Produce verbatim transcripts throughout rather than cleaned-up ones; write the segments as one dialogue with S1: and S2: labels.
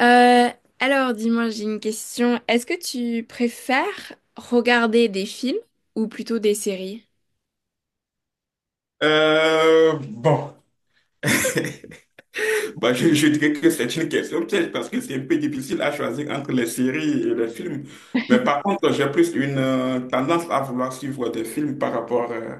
S1: Euh, alors, dis-moi, j'ai une question. Est-ce que tu préfères regarder des films ou plutôt des séries?
S2: Euh, bon, bah, je, je dirais que c'est une question piège parce que c'est un peu difficile à choisir entre les séries et les films. Mais par contre, j'ai plus une euh, tendance à vouloir suivre des films par rapport euh,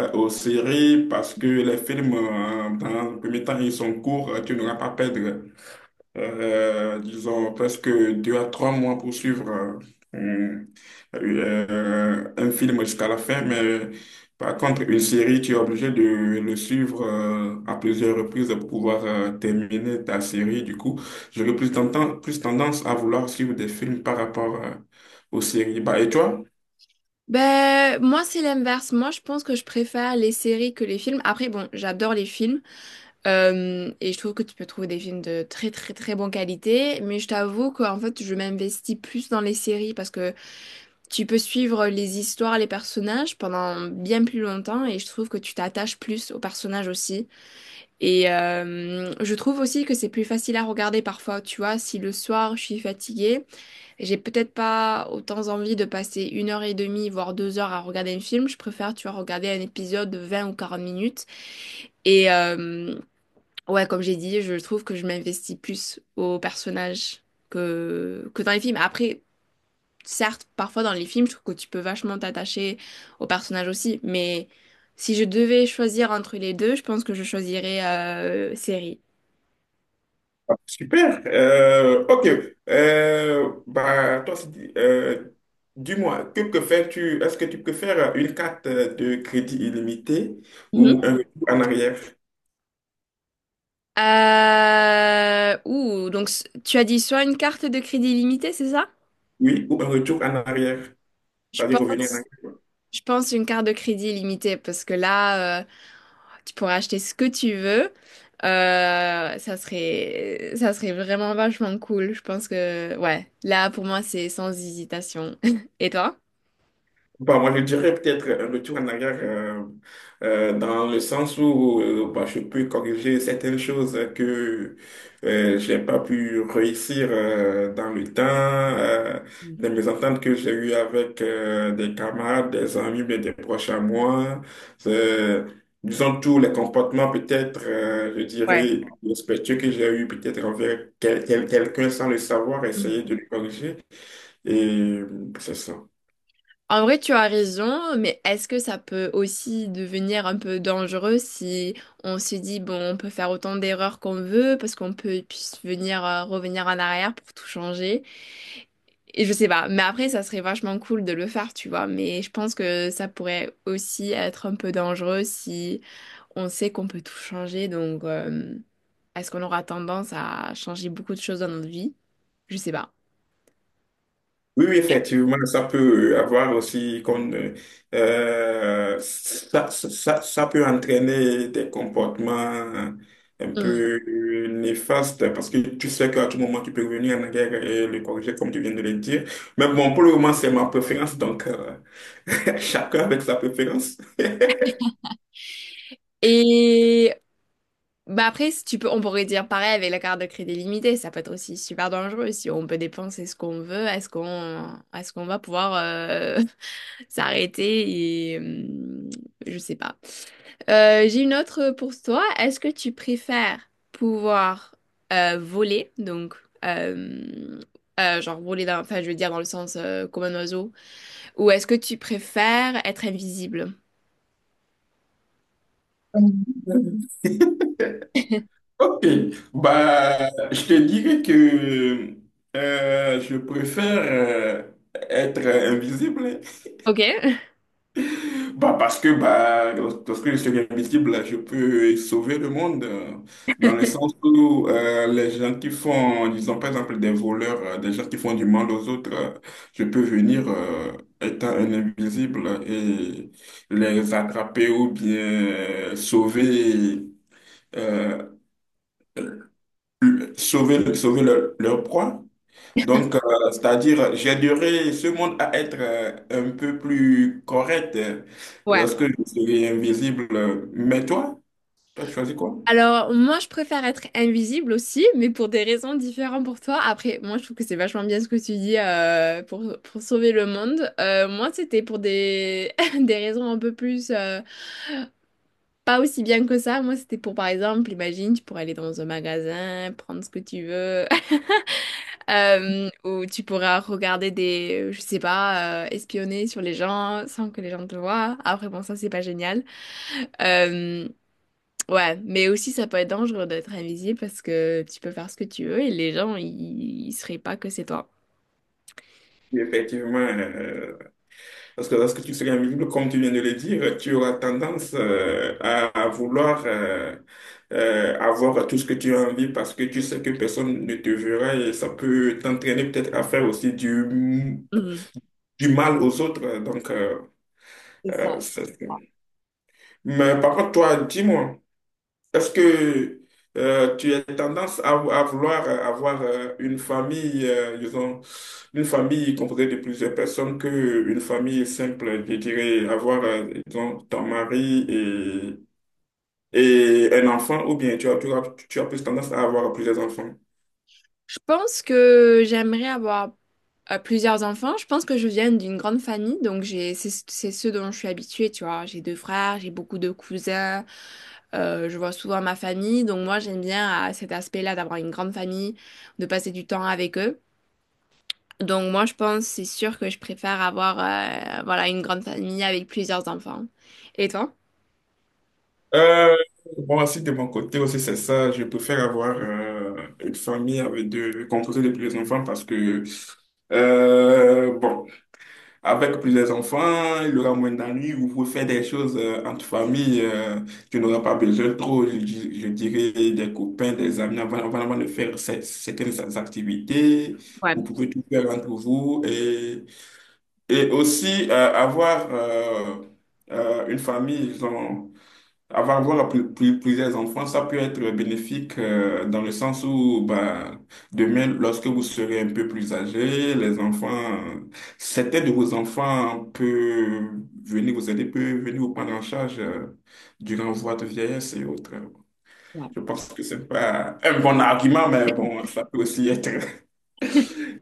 S2: euh, aux séries parce que les films, euh, dans le premier temps, ils sont courts, euh, tu n'auras pas à perdre euh, disons, presque deux à trois mois pour suivre euh, euh, un film jusqu'à la fin, mais par contre, une série, tu es obligé de le suivre euh, à plusieurs reprises pour pouvoir euh, terminer ta série. Du coup, j'aurais plus tendance, plus tendance à vouloir suivre des films par rapport euh, aux séries. Bah, et toi?
S1: Ben, moi, c'est l'inverse. Moi, je pense que je préfère les séries que les films. Après, bon, j'adore les films. Euh, et je trouve que tu peux trouver des films de très, très, très bonne qualité. Mais je t'avoue qu'en fait, je m'investis plus dans les séries parce que tu peux suivre les histoires, les personnages pendant bien plus longtemps. Et je trouve que tu t'attaches plus aux personnages aussi. Et euh, je trouve aussi que c'est plus facile à regarder parfois, tu vois, si le soir je suis fatiguée, j'ai peut-être pas autant envie de passer une heure et demie, voire deux heures à regarder un film, je préfère, tu vois, regarder un épisode de vingt ou quarante minutes. Et euh, ouais, comme j'ai dit, je trouve que je m'investis plus aux personnages que, que dans les films. Après, certes, parfois dans les films, je trouve que tu peux vachement t'attacher aux personnages aussi, mais si je devais choisir entre les deux, je pense que je choisirais euh, série.
S2: Ah, super. Euh, ok. Euh, bah, toi, c'est- euh, dis-moi, que préfères-tu? Est-ce que tu préfères une carte de crédit illimitée ou
S1: Mhm.
S2: un retour en arrière?
S1: Euh... Ouh, donc s- tu as dit soit une carte de crédit illimitée, c'est ça?
S2: Oui, ou un retour en arrière,
S1: Je
S2: c'est-à-dire revenir en
S1: pense,
S2: arrière.
S1: je pense une carte de crédit illimitée parce que là, euh, tu pourrais acheter ce que tu veux. Euh, ça serait, ça serait vraiment vachement cool. Je pense que, ouais, là pour moi c'est sans hésitation. Et toi?
S2: Bah, moi, je dirais peut-être un retour en arrière, euh, euh, dans le sens où euh, bah, je peux corriger certaines choses que euh, j'ai pas pu réussir euh, dans le temps, euh,
S1: Mm.
S2: des mésententes que j'ai eues avec euh, des camarades, des amis, mais des proches à moi. C'est- Disons tous les comportements peut-être, euh, je
S1: Ouais.
S2: dirais, respectueux que j'ai eu peut-être envers quel- quel- quelqu'un sans le savoir, essayer de le corriger. Et c'est ça.
S1: En vrai, tu as raison, mais est-ce que ça peut aussi devenir un peu dangereux si on se dit, bon, on peut faire autant d'erreurs qu'on veut parce qu'on peut puis venir euh, revenir en arrière pour tout changer? Et je sais pas, mais après, ça serait vachement cool de le faire, tu vois, mais je pense que ça pourrait aussi être un peu dangereux si on sait qu'on peut tout changer, donc euh, est-ce qu'on aura tendance à changer beaucoup de choses dans notre vie? Je sais pas.
S2: Oui, oui, effectivement, ça peut avoir aussi qu'on euh, ça, ça, ça ça peut entraîner des comportements un
S1: Mm.
S2: peu néfastes parce que tu sais qu'à tout moment tu peux revenir en arrière et le corriger comme tu viens de le dire. Mais bon, pour le moment, c'est ma préférence, donc euh, chacun avec sa préférence.
S1: Et bah après, si tu peux, on pourrait dire pareil avec la carte de crédit limitée, ça peut être aussi super dangereux. Si on peut dépenser ce qu'on veut, est-ce qu'on est-ce qu'on va pouvoir euh, s'arrêter et hum, je sais pas. Euh, j'ai une autre pour toi. Est-ce que tu préfères pouvoir euh, voler, donc euh, euh, genre voler dans, enfin je veux dire dans le sens euh, comme un oiseau, ou est-ce que tu préfères être invisible?
S2: Ok, bah, je te dirais que euh, je préfère euh, être invisible.
S1: Ok.
S2: Bah parce que bah, lorsque je suis invisible, je peux sauver le monde, euh, dans le sens où euh, les gens qui font, disons par exemple des voleurs, euh, des gens qui font du mal aux autres, euh, je peux venir euh, étant un invisible et les attraper ou bien sauver, euh, sauver, sauver leur, leur proie. Donc, euh, c'est-à-dire, j'aiderai ce monde à être euh, un peu plus correct euh,
S1: Ouais.
S2: lorsque je serai invisible. euh, Mais toi, toi, tu choisis quoi?
S1: Alors, moi, je préfère être invisible aussi, mais pour des raisons différentes pour toi. Après, moi, je trouve que c'est vachement bien ce que tu dis euh, pour, pour sauver le monde. Euh, moi, c'était pour des, des raisons un peu plus... euh, pas aussi bien que ça. Moi, c'était pour, par exemple, imagine, tu pourrais aller dans un magasin, prendre ce que tu veux, euh, ou tu pourras regarder des... Je sais pas, euh, espionner sur les gens sans que les gens te voient. Après, bon, ça, c'est pas génial. Euh, Ouais, mais aussi ça peut être dangereux d'être invisible parce que tu peux faire ce que tu veux et les gens, ils, ils sauraient pas que c'est toi.
S2: Oui, effectivement, euh, parce que lorsque tu seras invisible, comme tu viens de le dire, tu auras tendance euh, à, à vouloir euh, euh, avoir tout ce que tu as envie parce que tu sais que personne ne te verra et ça peut t'entraîner peut-être à faire aussi du, du mal aux autres. Donc, euh, euh, c'est- mais par contre, toi, dis-moi. Est-ce que euh, tu as tendance à, à vouloir euh, avoir euh, une famille, euh, disons, une famille composée de plusieurs personnes que une famille simple, je dirais, avoir, euh, disons, ton mari et, et un enfant, ou bien tu as, tu as, tu as plus tendance à avoir plusieurs enfants?
S1: Je pense que j'aimerais avoir euh, plusieurs enfants. Je pense que je viens d'une grande famille, donc j'ai c'est c'est ce dont je suis habituée, tu vois. J'ai deux frères, j'ai beaucoup de cousins, euh, je vois souvent ma famille, donc moi j'aime bien euh, cet aspect-là d'avoir une grande famille, de passer du temps avec eux. Donc moi je pense, c'est sûr que je préfère avoir euh, voilà une grande famille avec plusieurs enfants. Et toi?
S2: Euh, bon, aussi de mon côté aussi, c'est ça. Je préfère avoir euh, une famille avec deux, composée de plusieurs enfants parce que, euh, bon. Avec plusieurs enfants, il aura moins d'ennuis, vous pouvez faire des choses euh, entre famille, euh, tu n'auras pas besoin trop, je, di- je dirais, des copains, des amis, avant, avant- avant de faire cer- certaines activités,
S1: Ouais,
S2: vous pouvez tout faire entre vous et, et aussi euh, avoir euh, euh, une famille, disons, avoir avoir plus- plus- plusieurs enfants, ça peut être bénéfique euh, dans le sens où bah, demain, lorsque vous serez un peu plus âgé, les enfants, certains de vos enfants peuvent venir vous aider, peuvent venir vous prendre en charge euh, durant votre vieillesse et autres.
S1: ouais.
S2: Je pense que c'est pas un bon argument, mais bon, ça peut aussi être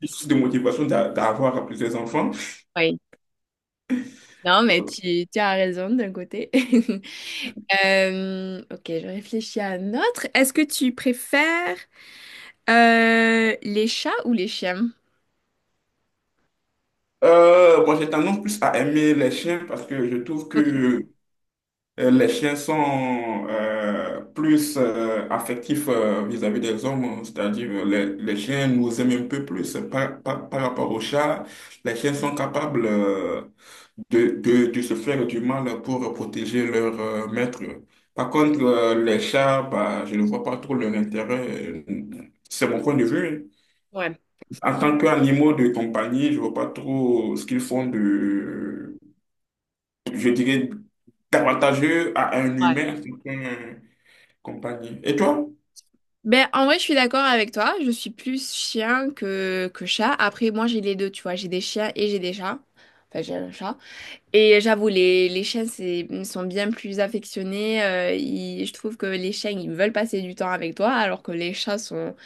S2: une source de motivation d'a- d'avoir plusieurs enfants.
S1: Oui, non, mais tu, tu as raison d'un côté. Euh, ok, je réfléchis à un autre. Est-ce que tu préfères euh, les chats ou les chiens?
S2: Euh, moi, j'ai tendance plus à aimer les chiens parce que je trouve
S1: Ok.
S2: que Euh, les chiens sont euh, plus euh, affectifs euh, vis-à-vis des hommes, c'est-à-dire euh, les, les chiens nous aiment un peu plus par, par, par rapport aux chats. Les chiens sont capables euh, de, de, de se faire du mal pour protéger leur euh, maître. Par contre, euh, les chats, bah, je ne vois pas trop leur intérêt. C'est mon point de vue. En tant qu'animaux de compagnie, je vois pas trop ce qu'ils font de je dirais, avantageux à un
S1: Ouais.
S2: humain qu'un compagnie. Et toi?
S1: Ben, en vrai, je suis d'accord avec toi. Je suis plus chien que, que chat. Après, moi, j'ai les deux, tu vois. J'ai des chiens et j'ai des chats. Enfin, j'ai un chat. Et j'avoue, les, les chiens, c'est, sont bien plus affectionnés. Euh, ils- je trouve que les chiens, ils veulent passer du temps avec toi, alors que les chats sont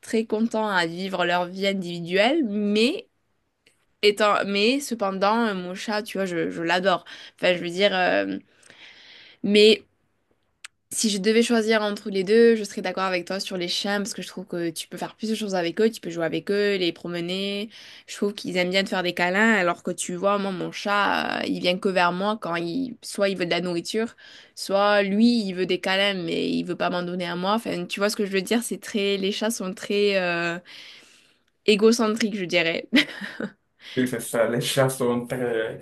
S1: très contents à vivre leur vie individuelle, mais étant, mais cependant, euh, mon chat, tu vois, je, je l'adore. Enfin, je veux dire, euh, mais si je devais choisir entre les deux, je serais d'accord avec toi sur les chiens parce que je trouve que tu peux faire plus de choses avec eux, tu peux jouer avec eux, les promener. Je trouve qu'ils aiment bien te faire des câlins, alors que tu vois, moi, mon chat, euh, il vient que vers moi quand il, soit il veut de la nourriture, soit lui, il veut des câlins, mais il veut pas m'en donner à moi. Enfin, tu vois ce que je veux dire, c'est très, les chats sont très, euh, égocentrique, je dirais.
S2: Oui, c'est ça. Les chats sont très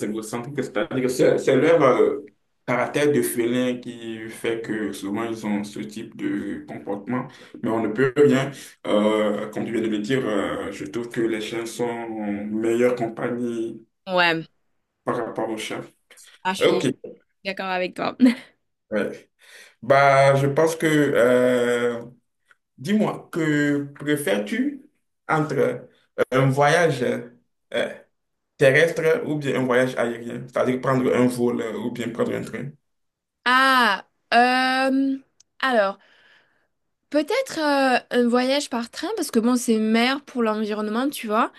S2: égocentriques. C'est-à-dire que c'est c'est leur euh, caractère de félin qui fait que souvent ils ont ce type de comportement. Mais on ne peut rien. Euh, comme tu viens de le dire, euh, je trouve que les chiens sont en meilleure compagnie
S1: Ouais,
S2: par rapport aux chats.
S1: Ah, je suis
S2: Ok.
S1: d'accord avec toi.
S2: Ouais. Bah, je pense que euh, dis-moi, que préfères-tu entre un voyage euh, terrestre ou bien un voyage aérien? C'est-à-dire prendre un vol euh, ou bien prendre un train?
S1: Ah, euh, alors, peut-être euh, un voyage par train, parce que bon, c'est meilleur pour l'environnement, tu vois.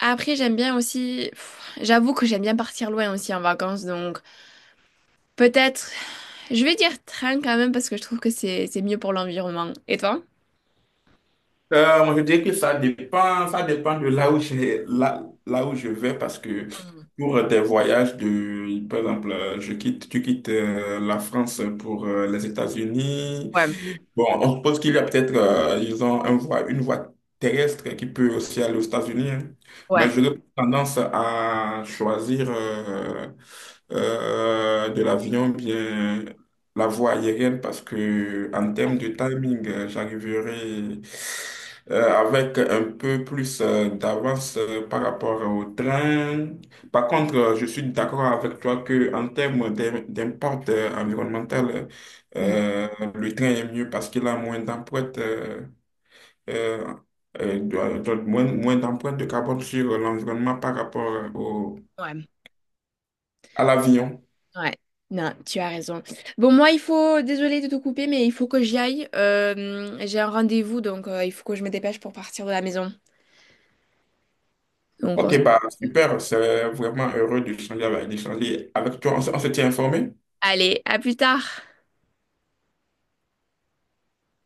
S1: Après, j'aime bien aussi, pff, j'avoue que j'aime bien partir loin aussi en vacances, donc peut-être, je vais dire train quand même, parce que je trouve que c'est c'est mieux pour l'environnement. Et toi?
S2: Euh, moi, je dirais que ça dépend, ça dépend de là où j'ai, là, là où je vais parce que pour euh, des voyages de, par exemple, euh, je quitte, tu quittes euh, la France pour euh, les États-Unis,
S1: Ouais,
S2: bon, on suppose qu'il y a peut-être, euh, disons, un voie- une voie terrestre qui peut aussi aller aux États-Unis, hein.
S1: ouais,
S2: Mais j'aurais tendance à choisir euh, euh, de l'avion, bien la voie aérienne, parce que en termes de timing, euh, j'arriverai euh, avec un peu plus euh, d'avance euh, par rapport au train. Par contre, euh, je suis d'accord avec toi que en termes d'im- d'impact euh, environnemental, euh, le train est mieux parce qu'il a moins d'empreintes euh, euh, euh, de- euh, de- moins, moins d'empreintes de carbone sur euh, l'environnement par rapport euh, au,
S1: ouais,
S2: à l'avion.
S1: ouais. Non, tu as raison. Bon, moi, il faut, désolée de te couper, mais il faut que j'y aille. Euh, j'ai un rendez-vous, donc euh, il faut que je me dépêche pour partir de la maison. Donc, on se-
S2: Ok, bah super, c'est vraiment heureux de changer avec, d'échanger avec toi. On, se on se tient informé?
S1: Allez, à plus tard.